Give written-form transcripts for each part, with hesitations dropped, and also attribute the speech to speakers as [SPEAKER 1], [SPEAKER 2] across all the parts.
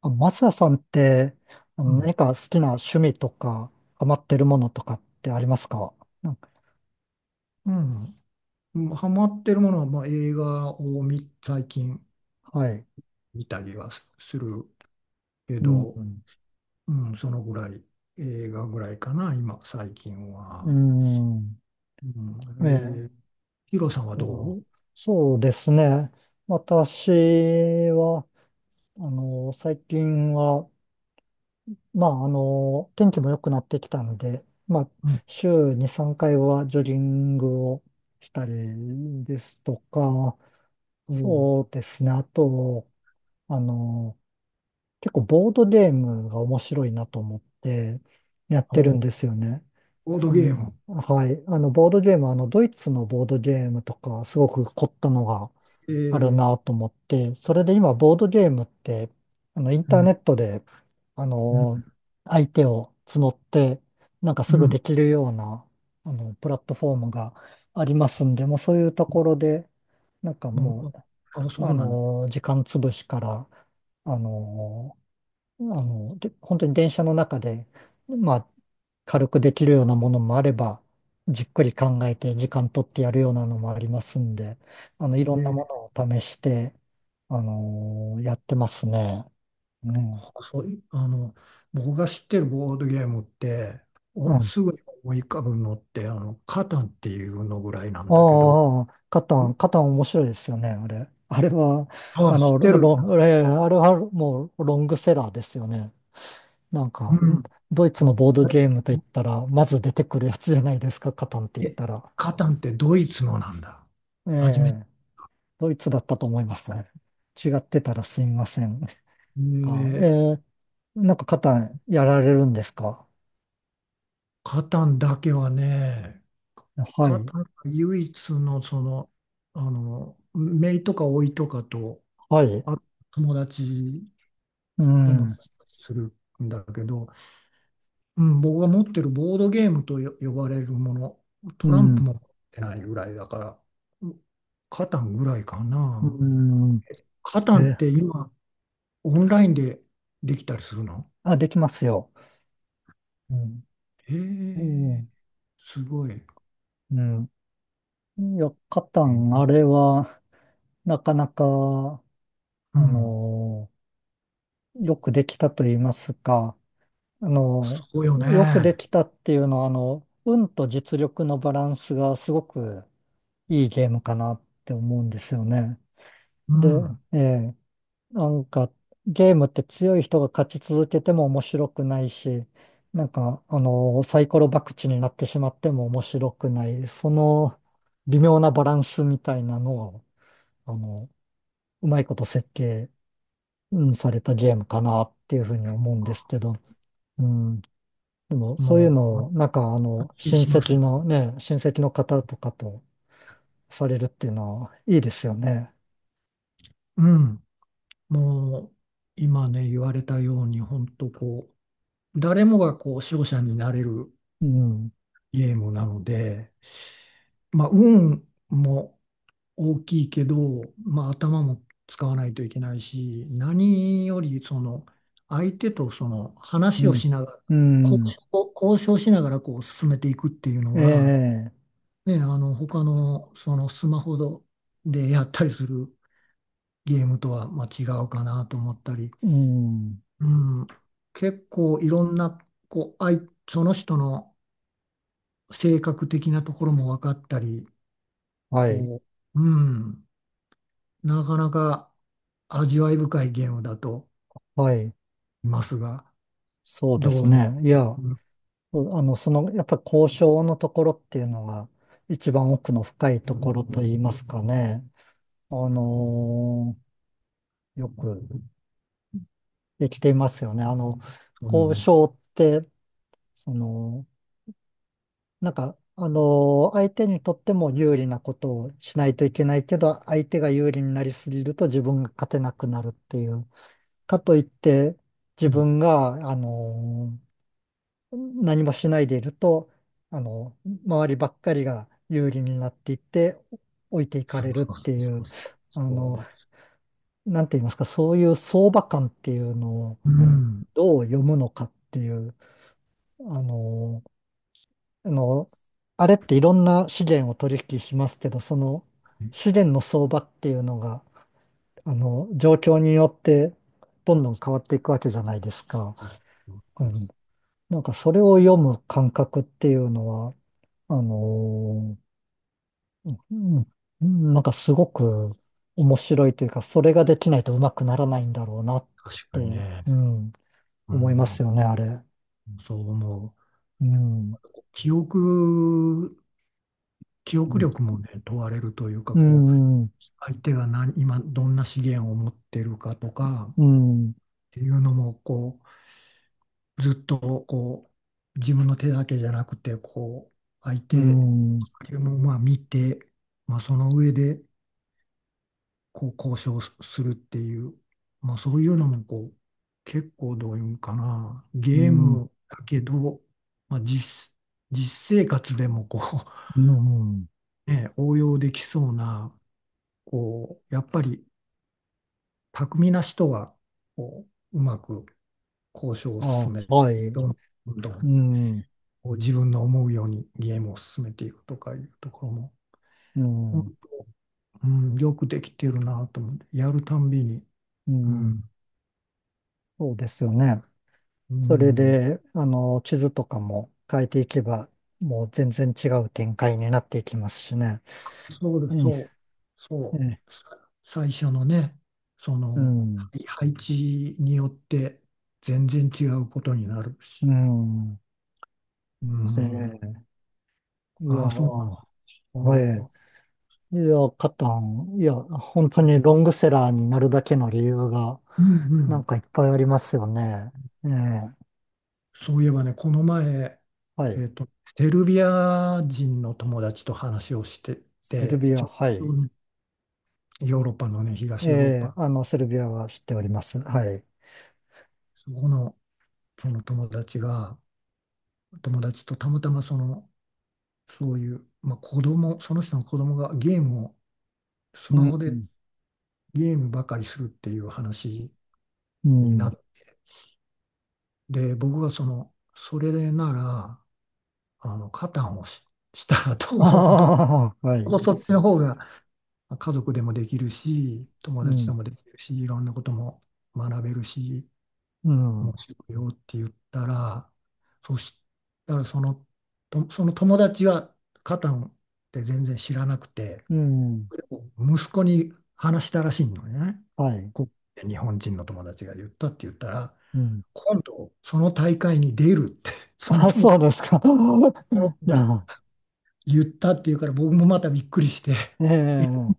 [SPEAKER 1] あ、マサさんって、
[SPEAKER 2] うん、
[SPEAKER 1] 何か好きな趣味とか、ハマってるものとかってありますか？なんか、
[SPEAKER 2] うん、ハマってるものは、まあ、映画を見最近
[SPEAKER 1] はい。
[SPEAKER 2] 見たりはするけ
[SPEAKER 1] う
[SPEAKER 2] ど、
[SPEAKER 1] ん。
[SPEAKER 2] うん、そのぐらい、映画ぐらいかな、今、最近
[SPEAKER 1] う
[SPEAKER 2] は。
[SPEAKER 1] ん。
[SPEAKER 2] うん、
[SPEAKER 1] え
[SPEAKER 2] えー、
[SPEAKER 1] え。
[SPEAKER 2] ヒロさんは
[SPEAKER 1] ま
[SPEAKER 2] ど
[SPEAKER 1] あ、
[SPEAKER 2] う
[SPEAKER 1] そうですね。私は、最近は、まあ、天気も良くなってきたんで、まあ、
[SPEAKER 2] うん、
[SPEAKER 1] 週2、3回はジョギングをしたりですとか、
[SPEAKER 2] おう
[SPEAKER 1] そうですね。あと、あの、結構ボードゲームが面白いなと思ってやってる
[SPEAKER 2] お
[SPEAKER 1] ん
[SPEAKER 2] う、
[SPEAKER 1] ですよね。
[SPEAKER 2] ボードゲーム。
[SPEAKER 1] はい。ボードゲーム、ドイツのボードゲームとか、すごく凝ったのが
[SPEAKER 2] え
[SPEAKER 1] ある
[SPEAKER 2] ー、
[SPEAKER 1] なと思って、それで今、ボードゲームって、イン
[SPEAKER 2] う
[SPEAKER 1] ターネ
[SPEAKER 2] ん、
[SPEAKER 1] ットで、あ
[SPEAKER 2] うん、
[SPEAKER 1] の、相手を募って、なんかす
[SPEAKER 2] う
[SPEAKER 1] ぐ
[SPEAKER 2] ん。
[SPEAKER 1] できるような、プラットフォームがありますんで、もうそういうところで、なんか
[SPEAKER 2] も
[SPEAKER 1] も
[SPEAKER 2] う、あ、あそ
[SPEAKER 1] う、
[SPEAKER 2] うなんだ。
[SPEAKER 1] 時間潰しから、あので、本当に電車の中で、まあ、軽くできるようなものもあれば、じっくり考えて時間取ってやるようなのもありますんで、いろんな
[SPEAKER 2] で、
[SPEAKER 1] ものを試して、やってますね。ね。
[SPEAKER 2] あそうい、あの、僕が知ってるボードゲームって、
[SPEAKER 1] う
[SPEAKER 2] お、
[SPEAKER 1] ん。
[SPEAKER 2] すぐに思い浮かぶのって、あの、カタンっていうのぐらいなんだけど、
[SPEAKER 1] ああ、カタン、カタン面白いですよね、あれ。あれは、
[SPEAKER 2] あ
[SPEAKER 1] あ
[SPEAKER 2] あ、知
[SPEAKER 1] の、
[SPEAKER 2] って
[SPEAKER 1] ロ
[SPEAKER 2] る。
[SPEAKER 1] ロン、ああれはもうロングセラーですよね。なん
[SPEAKER 2] う
[SPEAKER 1] か、
[SPEAKER 2] ん。
[SPEAKER 1] ドイツのボードゲームといったら、まず出てくるやつじゃないですか、カタンって言っ
[SPEAKER 2] え、
[SPEAKER 1] たら。
[SPEAKER 2] カタンってドイツのなんだ。
[SPEAKER 1] え
[SPEAKER 2] 初めて。
[SPEAKER 1] え、ドイツだったと思いますね。違ってたらすみません。あ、
[SPEAKER 2] えー
[SPEAKER 1] なんか肩やられるんですか？
[SPEAKER 2] カタンだけはね、
[SPEAKER 1] は
[SPEAKER 2] カ
[SPEAKER 1] い、
[SPEAKER 2] タンが唯一のその、あの、姪とか甥とかと、
[SPEAKER 1] はい。
[SPEAKER 2] あ、友達
[SPEAKER 1] う
[SPEAKER 2] とも
[SPEAKER 1] ん、
[SPEAKER 2] するんだけど、うん、僕が持ってるボードゲームとよ呼ばれるもの、
[SPEAKER 1] う
[SPEAKER 2] トランプ
[SPEAKER 1] ん、
[SPEAKER 2] も持ってないぐらいだから、うん、カタンぐらいか
[SPEAKER 1] う
[SPEAKER 2] な。
[SPEAKER 1] ん。
[SPEAKER 2] カタンっ
[SPEAKER 1] え、
[SPEAKER 2] て今、オンラインでできたりするの？
[SPEAKER 1] あ、できますよ。うん、
[SPEAKER 2] へ
[SPEAKER 1] う
[SPEAKER 2] え、
[SPEAKER 1] ん、
[SPEAKER 2] すごい。へ
[SPEAKER 1] うん。いや、肩、
[SPEAKER 2] え、
[SPEAKER 1] あれは、なかなか、
[SPEAKER 2] う
[SPEAKER 1] あ
[SPEAKER 2] ん。
[SPEAKER 1] のよくできたと言いますか、あの
[SPEAKER 2] そうよ
[SPEAKER 1] よくで
[SPEAKER 2] ね。
[SPEAKER 1] きたっていうのは、運と実力のバランスがすごくいいゲームかなって思うんですよね。
[SPEAKER 2] う
[SPEAKER 1] で、
[SPEAKER 2] ん。
[SPEAKER 1] ええ、なんかゲームって強い人が勝ち続けても面白くないし、なんかサイコロ博打になってしまっても面白くない、その微妙なバランスみたいなのを、あの、うまいこと設計、うん、されたゲームかなっていうふうに思うんですけど、うん、でもそうい
[SPEAKER 2] も
[SPEAKER 1] う
[SPEAKER 2] う、
[SPEAKER 1] のを、なんか
[SPEAKER 2] 全く
[SPEAKER 1] 親
[SPEAKER 2] しま
[SPEAKER 1] 戚
[SPEAKER 2] す。
[SPEAKER 1] のね、親戚の方とかとされるっていうのはいいですよね。
[SPEAKER 2] うん。もう、今ね、言われたように、本当こう、誰もがこう、勝者になれる
[SPEAKER 1] うん。
[SPEAKER 2] ゲームなので、まあ、運も大きいけど、まあ、頭も使わないといけないし、何よりその相手とその
[SPEAKER 1] う
[SPEAKER 2] 話を
[SPEAKER 1] ん。
[SPEAKER 2] しながら、
[SPEAKER 1] う
[SPEAKER 2] 交
[SPEAKER 1] ん。
[SPEAKER 2] 交渉しながらこう進めていくっていうの
[SPEAKER 1] え
[SPEAKER 2] が、
[SPEAKER 1] え。
[SPEAKER 2] ね、あの他のそのスマホでやったりするゲームとはまあ違うかなと思ったり、
[SPEAKER 1] うん。
[SPEAKER 2] うん、結構いろんなこう相その人の性格的なところも分かったり、
[SPEAKER 1] はい。
[SPEAKER 2] こう、うん。なかなか味わい深いゲームだと思
[SPEAKER 1] はい。
[SPEAKER 2] いますが、
[SPEAKER 1] そうで
[SPEAKER 2] どう
[SPEAKER 1] す
[SPEAKER 2] 思
[SPEAKER 1] ね。いや、
[SPEAKER 2] う？うん
[SPEAKER 1] そうその、やっぱ交渉のところっていうのが一番奥の深いところといいますかね。あのーよくできていますよね。
[SPEAKER 2] そうよ
[SPEAKER 1] 交
[SPEAKER 2] ね。
[SPEAKER 1] 渉って、その、なんか、相手にとっても有利なことをしないといけないけど、相手が有利になりすぎると自分が勝てなくなるっていう。かといって、
[SPEAKER 2] う
[SPEAKER 1] 自
[SPEAKER 2] ん、
[SPEAKER 1] 分が、何もしないでいると、あの、周りばっかりが有利になっていって、置いていか
[SPEAKER 2] そう
[SPEAKER 1] れるっ
[SPEAKER 2] そう
[SPEAKER 1] てい
[SPEAKER 2] そ
[SPEAKER 1] う、
[SPEAKER 2] うそう。
[SPEAKER 1] あ
[SPEAKER 2] そう
[SPEAKER 1] の、
[SPEAKER 2] です。
[SPEAKER 1] なんて言いますか、そういう相場感っていうのを
[SPEAKER 2] うん、
[SPEAKER 1] どう読むのかっていう、あの、あの、あれっていろんな資源を取引しますけど、その資源の相場っていうのが、状況によってどんどん変わっていくわけじゃないですか。うん、なんかそれを読む感覚っていうのは、あのーうん、なんかすごく面白いというか、それができないとうまくならないんだろうなっ
[SPEAKER 2] 確かに
[SPEAKER 1] て、
[SPEAKER 2] ね。
[SPEAKER 1] うん、
[SPEAKER 2] う
[SPEAKER 1] 思います
[SPEAKER 2] ん。
[SPEAKER 1] よね、あれ。
[SPEAKER 2] そう思う。
[SPEAKER 1] うん、
[SPEAKER 2] 記憶、記
[SPEAKER 1] う
[SPEAKER 2] 憶
[SPEAKER 1] ん、
[SPEAKER 2] 力もね、問われるというか、
[SPEAKER 1] う
[SPEAKER 2] こう、
[SPEAKER 1] ん、うん、
[SPEAKER 2] 相手が何、今どんな資源を持ってるかとかっ
[SPEAKER 1] うん、
[SPEAKER 2] ていうのも、こう、ずっとこう、自分の手だけじゃなくて、こう、相手もまあ見て、まあその上で、こう、交渉するっていう、まあそういうのもこう、結構どういうんかな、
[SPEAKER 1] う
[SPEAKER 2] ゲー
[SPEAKER 1] ん、
[SPEAKER 2] ムだけど、まあ実、実生活でもこ
[SPEAKER 1] うん、
[SPEAKER 2] う、ね、応用できそうな、こう、やっぱり巧みな人は、こう、うまく交渉を
[SPEAKER 1] あ、
[SPEAKER 2] 進めて、
[SPEAKER 1] はい、
[SPEAKER 2] どんど
[SPEAKER 1] う
[SPEAKER 2] ん
[SPEAKER 1] ん、
[SPEAKER 2] こう自分の思うようにゲームを進めていくとかいうところも、
[SPEAKER 1] うん、
[SPEAKER 2] うん、うんよくできてるなと思って、やるたんびに、
[SPEAKER 1] う
[SPEAKER 2] う
[SPEAKER 1] ん、
[SPEAKER 2] ん、
[SPEAKER 1] そうですよね。
[SPEAKER 2] う
[SPEAKER 1] それ
[SPEAKER 2] ん、
[SPEAKER 1] で、地図とかも変えていけば、もう全然違う展開になっていきますしね。
[SPEAKER 2] そうで
[SPEAKER 1] え
[SPEAKER 2] す、う、
[SPEAKER 1] え、え
[SPEAKER 2] そ
[SPEAKER 1] え、
[SPEAKER 2] さ最初のね、そ
[SPEAKER 1] う
[SPEAKER 2] の、は
[SPEAKER 1] ん、
[SPEAKER 2] い配置によって全然違うことになる
[SPEAKER 1] う
[SPEAKER 2] し、
[SPEAKER 1] ん。
[SPEAKER 2] う
[SPEAKER 1] え
[SPEAKER 2] ん、
[SPEAKER 1] え、いや
[SPEAKER 2] ああ、そうあ
[SPEAKER 1] ー、え
[SPEAKER 2] ー
[SPEAKER 1] え、いや、カタン、いや、本当にロングセラーになるだけの理由が、
[SPEAKER 2] うんう
[SPEAKER 1] なん
[SPEAKER 2] ん、
[SPEAKER 1] かいっぱいありますよね。ええ、
[SPEAKER 2] そういえばね、この前、
[SPEAKER 1] はい。
[SPEAKER 2] えっと、セルビア人の友達と話をして
[SPEAKER 1] セル
[SPEAKER 2] て、
[SPEAKER 1] ビ
[SPEAKER 2] ち
[SPEAKER 1] ア、
[SPEAKER 2] ょ
[SPEAKER 1] は
[SPEAKER 2] う
[SPEAKER 1] い。
[SPEAKER 2] どヨーロッパのね、
[SPEAKER 1] え
[SPEAKER 2] 東ヨーロッ
[SPEAKER 1] え、
[SPEAKER 2] パ、
[SPEAKER 1] セ
[SPEAKER 2] そ
[SPEAKER 1] ルビアは知っております。はい。
[SPEAKER 2] この、その友達が、友達とたまたまその、そういう、まあ、子供、その人の子供がゲームを、スマ
[SPEAKER 1] う
[SPEAKER 2] ホで
[SPEAKER 1] ん、
[SPEAKER 2] ゲームばかりするっていう話
[SPEAKER 1] う
[SPEAKER 2] にな
[SPEAKER 1] ん。
[SPEAKER 2] って、僕がその、それなら、あの、カタンをし、したらどう、ど
[SPEAKER 1] ああ、はい。
[SPEAKER 2] う、そっちの方が家族でもできるし、友
[SPEAKER 1] う
[SPEAKER 2] 達と
[SPEAKER 1] ん、
[SPEAKER 2] もできるし、いろんなことも学べるし、
[SPEAKER 1] う
[SPEAKER 2] 面
[SPEAKER 1] ん。
[SPEAKER 2] 白いよって言ったら、そしたらその、とその友達はカタンって全然知らなくて、
[SPEAKER 1] うん。
[SPEAKER 2] 息子に話したらしいのね。
[SPEAKER 1] はい。
[SPEAKER 2] こう日本人の友達が言ったって言ったら、
[SPEAKER 1] うん。
[SPEAKER 2] 今度その大会に出るって、その
[SPEAKER 1] あ、
[SPEAKER 2] 友
[SPEAKER 1] そうですか。
[SPEAKER 2] その 子
[SPEAKER 1] じゃ
[SPEAKER 2] が
[SPEAKER 1] あ、
[SPEAKER 2] 言ったっていうから僕もまたびっくりして、
[SPEAKER 1] え
[SPEAKER 2] え、
[SPEAKER 1] え、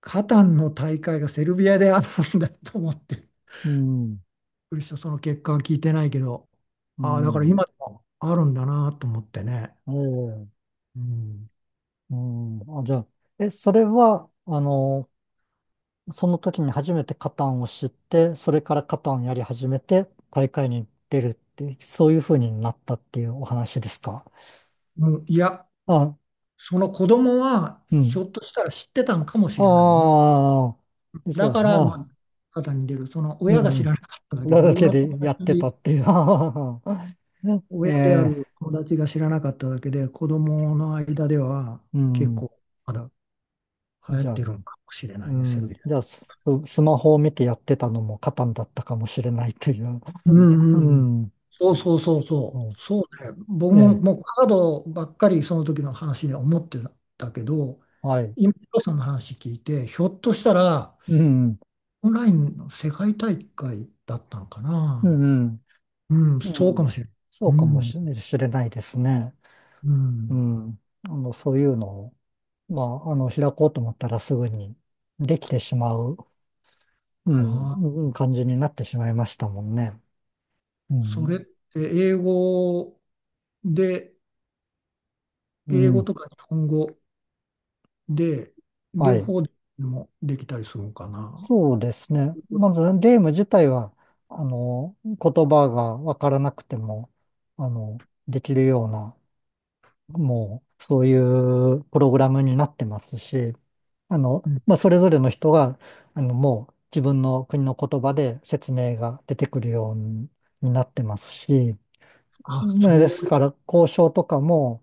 [SPEAKER 2] カタンの大会がセルビアであるんだと思って、
[SPEAKER 1] うん。
[SPEAKER 2] くりした、その結果は聞いてないけど、
[SPEAKER 1] う
[SPEAKER 2] ああ、だから
[SPEAKER 1] ん。
[SPEAKER 2] 今でもあるんだなと思ってね。
[SPEAKER 1] ええ、
[SPEAKER 2] うん、
[SPEAKER 1] うん。あ、じゃあ、え、それは、その時に初めてカタンを知って、それからカタンをやり始めて、大会に出るって、そういう風になったっていうお話ですか？
[SPEAKER 2] うん、いや、
[SPEAKER 1] あ、
[SPEAKER 2] その子供は
[SPEAKER 1] う
[SPEAKER 2] ひ
[SPEAKER 1] ん。
[SPEAKER 2] ょっとしたら知ってたんかもしれないね。
[SPEAKER 1] ああ、実
[SPEAKER 2] だ
[SPEAKER 1] は、
[SPEAKER 2] から、まあ、
[SPEAKER 1] あ、
[SPEAKER 2] 肩に出る、その
[SPEAKER 1] う
[SPEAKER 2] 親が知ら
[SPEAKER 1] ん。
[SPEAKER 2] なかっただけで、
[SPEAKER 1] だ
[SPEAKER 2] 僕
[SPEAKER 1] け
[SPEAKER 2] の友
[SPEAKER 1] でやってた
[SPEAKER 2] 達、
[SPEAKER 1] っていう。え
[SPEAKER 2] 親であ
[SPEAKER 1] え、
[SPEAKER 2] る友達が知らなかっただけで、子供の間では
[SPEAKER 1] う
[SPEAKER 2] 結
[SPEAKER 1] ん。
[SPEAKER 2] 構まだ流行っ
[SPEAKER 1] じゃ
[SPEAKER 2] て
[SPEAKER 1] あ、
[SPEAKER 2] るのかもしれな
[SPEAKER 1] う
[SPEAKER 2] いね、セル
[SPEAKER 1] ん。
[SPEAKER 2] ビア。
[SPEAKER 1] じゃあ、スマホを見てやってたのもカタンだったかもしれないという。
[SPEAKER 2] うんう
[SPEAKER 1] う
[SPEAKER 2] んうん。
[SPEAKER 1] ん。
[SPEAKER 2] そうそうそうそう。
[SPEAKER 1] そ
[SPEAKER 2] そうね。僕
[SPEAKER 1] う、え
[SPEAKER 2] も
[SPEAKER 1] え、
[SPEAKER 2] もうカードばっかりその時の話で思ってたけど、
[SPEAKER 1] はい。
[SPEAKER 2] 今、ヒロさんの話聞いて、ひょっとしたら、
[SPEAKER 1] うん。
[SPEAKER 2] オンラインの世界大会だったのか
[SPEAKER 1] う
[SPEAKER 2] な。
[SPEAKER 1] ん。
[SPEAKER 2] うん、
[SPEAKER 1] う
[SPEAKER 2] そうかも
[SPEAKER 1] ん。
[SPEAKER 2] しれない。
[SPEAKER 1] そう
[SPEAKER 2] う
[SPEAKER 1] かも
[SPEAKER 2] ん、
[SPEAKER 1] ししれないですね。
[SPEAKER 2] う
[SPEAKER 1] う
[SPEAKER 2] ん。
[SPEAKER 1] ん。そういうのを、まあ、開こうと思ったらすぐにできてしまう、うん、
[SPEAKER 2] ああ、
[SPEAKER 1] うん、感じになってしまいましたもんね。う
[SPEAKER 2] それって
[SPEAKER 1] ん。
[SPEAKER 2] 英語で、
[SPEAKER 1] う
[SPEAKER 2] 英語
[SPEAKER 1] ん。
[SPEAKER 2] とか日本語で、
[SPEAKER 1] は
[SPEAKER 2] 両
[SPEAKER 1] い。
[SPEAKER 2] 方でもできたりするのかな。
[SPEAKER 1] そうですね。まずゲーム自体は、言葉がわからなくても、できるような、もう、そういうプログラムになってますし、
[SPEAKER 2] うん、
[SPEAKER 1] まあ、それぞれの人が、もう自分の国の言葉で説明が出てくるようになってますし、
[SPEAKER 2] あ、
[SPEAKER 1] ね、で
[SPEAKER 2] そ
[SPEAKER 1] す
[SPEAKER 2] ういう、
[SPEAKER 1] から、交渉とかも、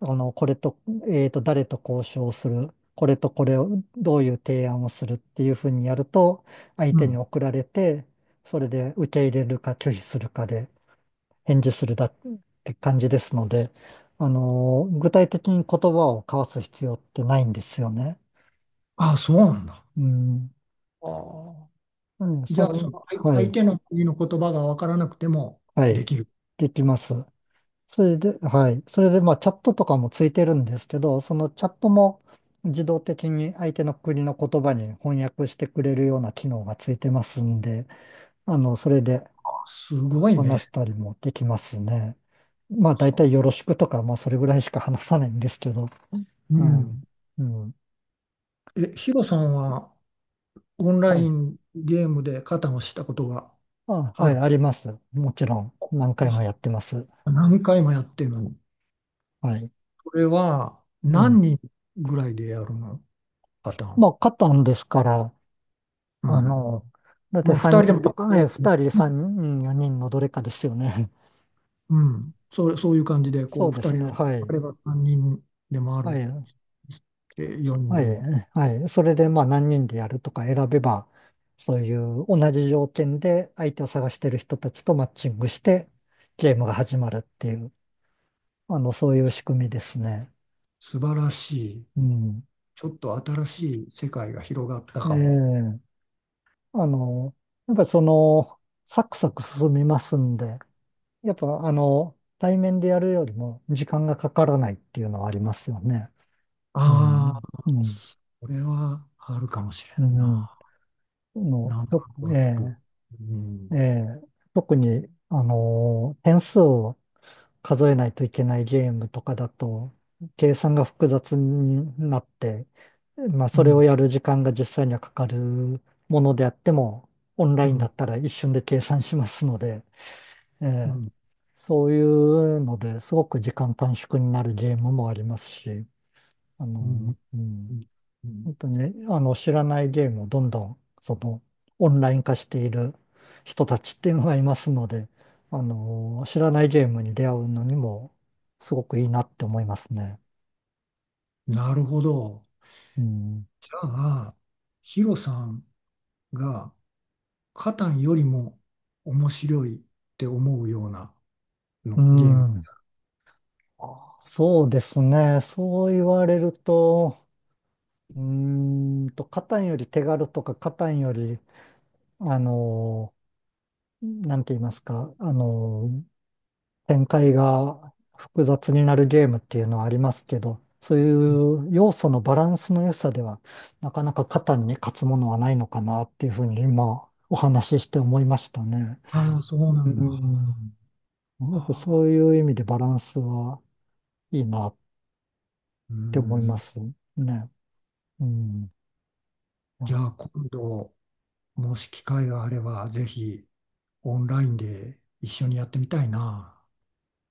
[SPEAKER 1] これと、誰と交渉する、これとこれを、どういう提案をするっていうふうにやると、相
[SPEAKER 2] う
[SPEAKER 1] 手に
[SPEAKER 2] ん。
[SPEAKER 1] 送られて、それで受け入れるか拒否するかで返事するだって感じですので、具体的に言葉を交わす必要ってないんですよね。
[SPEAKER 2] あ、そうなんだ。
[SPEAKER 1] うん。
[SPEAKER 2] ああ。
[SPEAKER 1] うん、
[SPEAKER 2] じゃあ、その相
[SPEAKER 1] は
[SPEAKER 2] 相
[SPEAKER 1] い、
[SPEAKER 2] 手の国の言葉が分からなくても
[SPEAKER 1] は
[SPEAKER 2] で
[SPEAKER 1] い、
[SPEAKER 2] きる。
[SPEAKER 1] できます。それで、はい。それで、まあ、チャットとかもついてるんですけど、そのチャットも自動的に相手の国の言葉に翻訳してくれるような機能がついてますんで、それで
[SPEAKER 2] あすごいね。
[SPEAKER 1] 話したりもできますね。まあ、大
[SPEAKER 2] は
[SPEAKER 1] 体よろしくとか、まあ、それぐらいしか話さないんですけど、
[SPEAKER 2] う
[SPEAKER 1] うん。
[SPEAKER 2] ん。
[SPEAKER 1] うん。
[SPEAKER 2] え、ヒロさんはオンラ
[SPEAKER 1] は
[SPEAKER 2] イ
[SPEAKER 1] い。
[SPEAKER 2] ンゲームで肩をしたことが
[SPEAKER 1] あ、
[SPEAKER 2] あ
[SPEAKER 1] はい、
[SPEAKER 2] る？
[SPEAKER 1] あります。もちろん、何回も
[SPEAKER 2] あ、
[SPEAKER 1] やってます。
[SPEAKER 2] 何回もやってるの？
[SPEAKER 1] はい。
[SPEAKER 2] それは
[SPEAKER 1] うん。
[SPEAKER 2] 何人ぐらいでやるの？パターン。
[SPEAKER 1] まあ、勝ったんですから、
[SPEAKER 2] う
[SPEAKER 1] あ
[SPEAKER 2] ん。
[SPEAKER 1] の、だって
[SPEAKER 2] まあ、
[SPEAKER 1] 3
[SPEAKER 2] 2人で
[SPEAKER 1] 人
[SPEAKER 2] もで
[SPEAKER 1] と
[SPEAKER 2] きる
[SPEAKER 1] か、え、
[SPEAKER 2] と思う。
[SPEAKER 1] 2人、3人、4人のどれかですよね。
[SPEAKER 2] うん。それ、そういう感じ で、
[SPEAKER 1] そ
[SPEAKER 2] こう、
[SPEAKER 1] うで
[SPEAKER 2] 2
[SPEAKER 1] す
[SPEAKER 2] 人
[SPEAKER 1] ね。
[SPEAKER 2] の、
[SPEAKER 1] は
[SPEAKER 2] あ
[SPEAKER 1] い。
[SPEAKER 2] れば3人でもあ
[SPEAKER 1] は
[SPEAKER 2] るし、
[SPEAKER 1] い。
[SPEAKER 2] え4人
[SPEAKER 1] は
[SPEAKER 2] で
[SPEAKER 1] い。
[SPEAKER 2] も。
[SPEAKER 1] はい。それで、まあ、何人でやるとか選べば、そういう同じ条件で相手を探してる人たちとマッチングして、ゲームが始まるっていう、そういう仕組みですね。
[SPEAKER 2] 素晴らしい。
[SPEAKER 1] うん。
[SPEAKER 2] ちょっと新しい世界が広がった
[SPEAKER 1] え
[SPEAKER 2] かも。
[SPEAKER 1] え、あの、やっぱりその、サクサク進みますんで、やっぱ、対面でやるよりも時間がかからないっていうのはありますよね。う
[SPEAKER 2] あ
[SPEAKER 1] ん、
[SPEAKER 2] あ、
[SPEAKER 1] うん、
[SPEAKER 2] これはあるかもし
[SPEAKER 1] う
[SPEAKER 2] れん
[SPEAKER 1] ん。
[SPEAKER 2] な。なんとなくわかる。
[SPEAKER 1] え
[SPEAKER 2] う
[SPEAKER 1] え、え
[SPEAKER 2] ん、
[SPEAKER 1] え、特に、点数を数えないといけないゲームとかだと、計算が複雑になって、まあ、
[SPEAKER 2] う
[SPEAKER 1] それを
[SPEAKER 2] ん、
[SPEAKER 1] やる時間が実際にはかかるものであっても、オンラ
[SPEAKER 2] う
[SPEAKER 1] インだ
[SPEAKER 2] ん、
[SPEAKER 1] ったら一瞬で計算しますので、え
[SPEAKER 2] う
[SPEAKER 1] ー
[SPEAKER 2] ん、
[SPEAKER 1] そういうのですごく時間短縮になるゲームもありますし、
[SPEAKER 2] うん、
[SPEAKER 1] う
[SPEAKER 2] う
[SPEAKER 1] ん、
[SPEAKER 2] ん。うん。
[SPEAKER 1] 本当に知らないゲームをどんどんそのオンライン化している人たちっていうのがいますので、知らないゲームに出会うのにもすごくいいなって思いますね。
[SPEAKER 2] なるほど。
[SPEAKER 1] うん。
[SPEAKER 2] じゃあ、ヒロさんがカタンよりも面白いって思うような
[SPEAKER 1] う
[SPEAKER 2] のゲーム。
[SPEAKER 1] ん。あ、そうですね。そう言われると、カタンより手軽とか、カタンより、あのなんて言いますか、展開が複雑になるゲームっていうのはありますけど、そういう要素のバランスの良さでは、なかなか肩に勝つものはないのかなっていうふうに今お話しして思いましたね。
[SPEAKER 2] ああ、そうな
[SPEAKER 1] う
[SPEAKER 2] んだ。
[SPEAKER 1] ん。やっぱ
[SPEAKER 2] ああ
[SPEAKER 1] そういう意味でバランスはいいなっ
[SPEAKER 2] う
[SPEAKER 1] て思いま
[SPEAKER 2] ん、
[SPEAKER 1] すね。うん。
[SPEAKER 2] じゃあ、今度、もし機会があれば、ぜひオンラインで一緒にやってみたいな。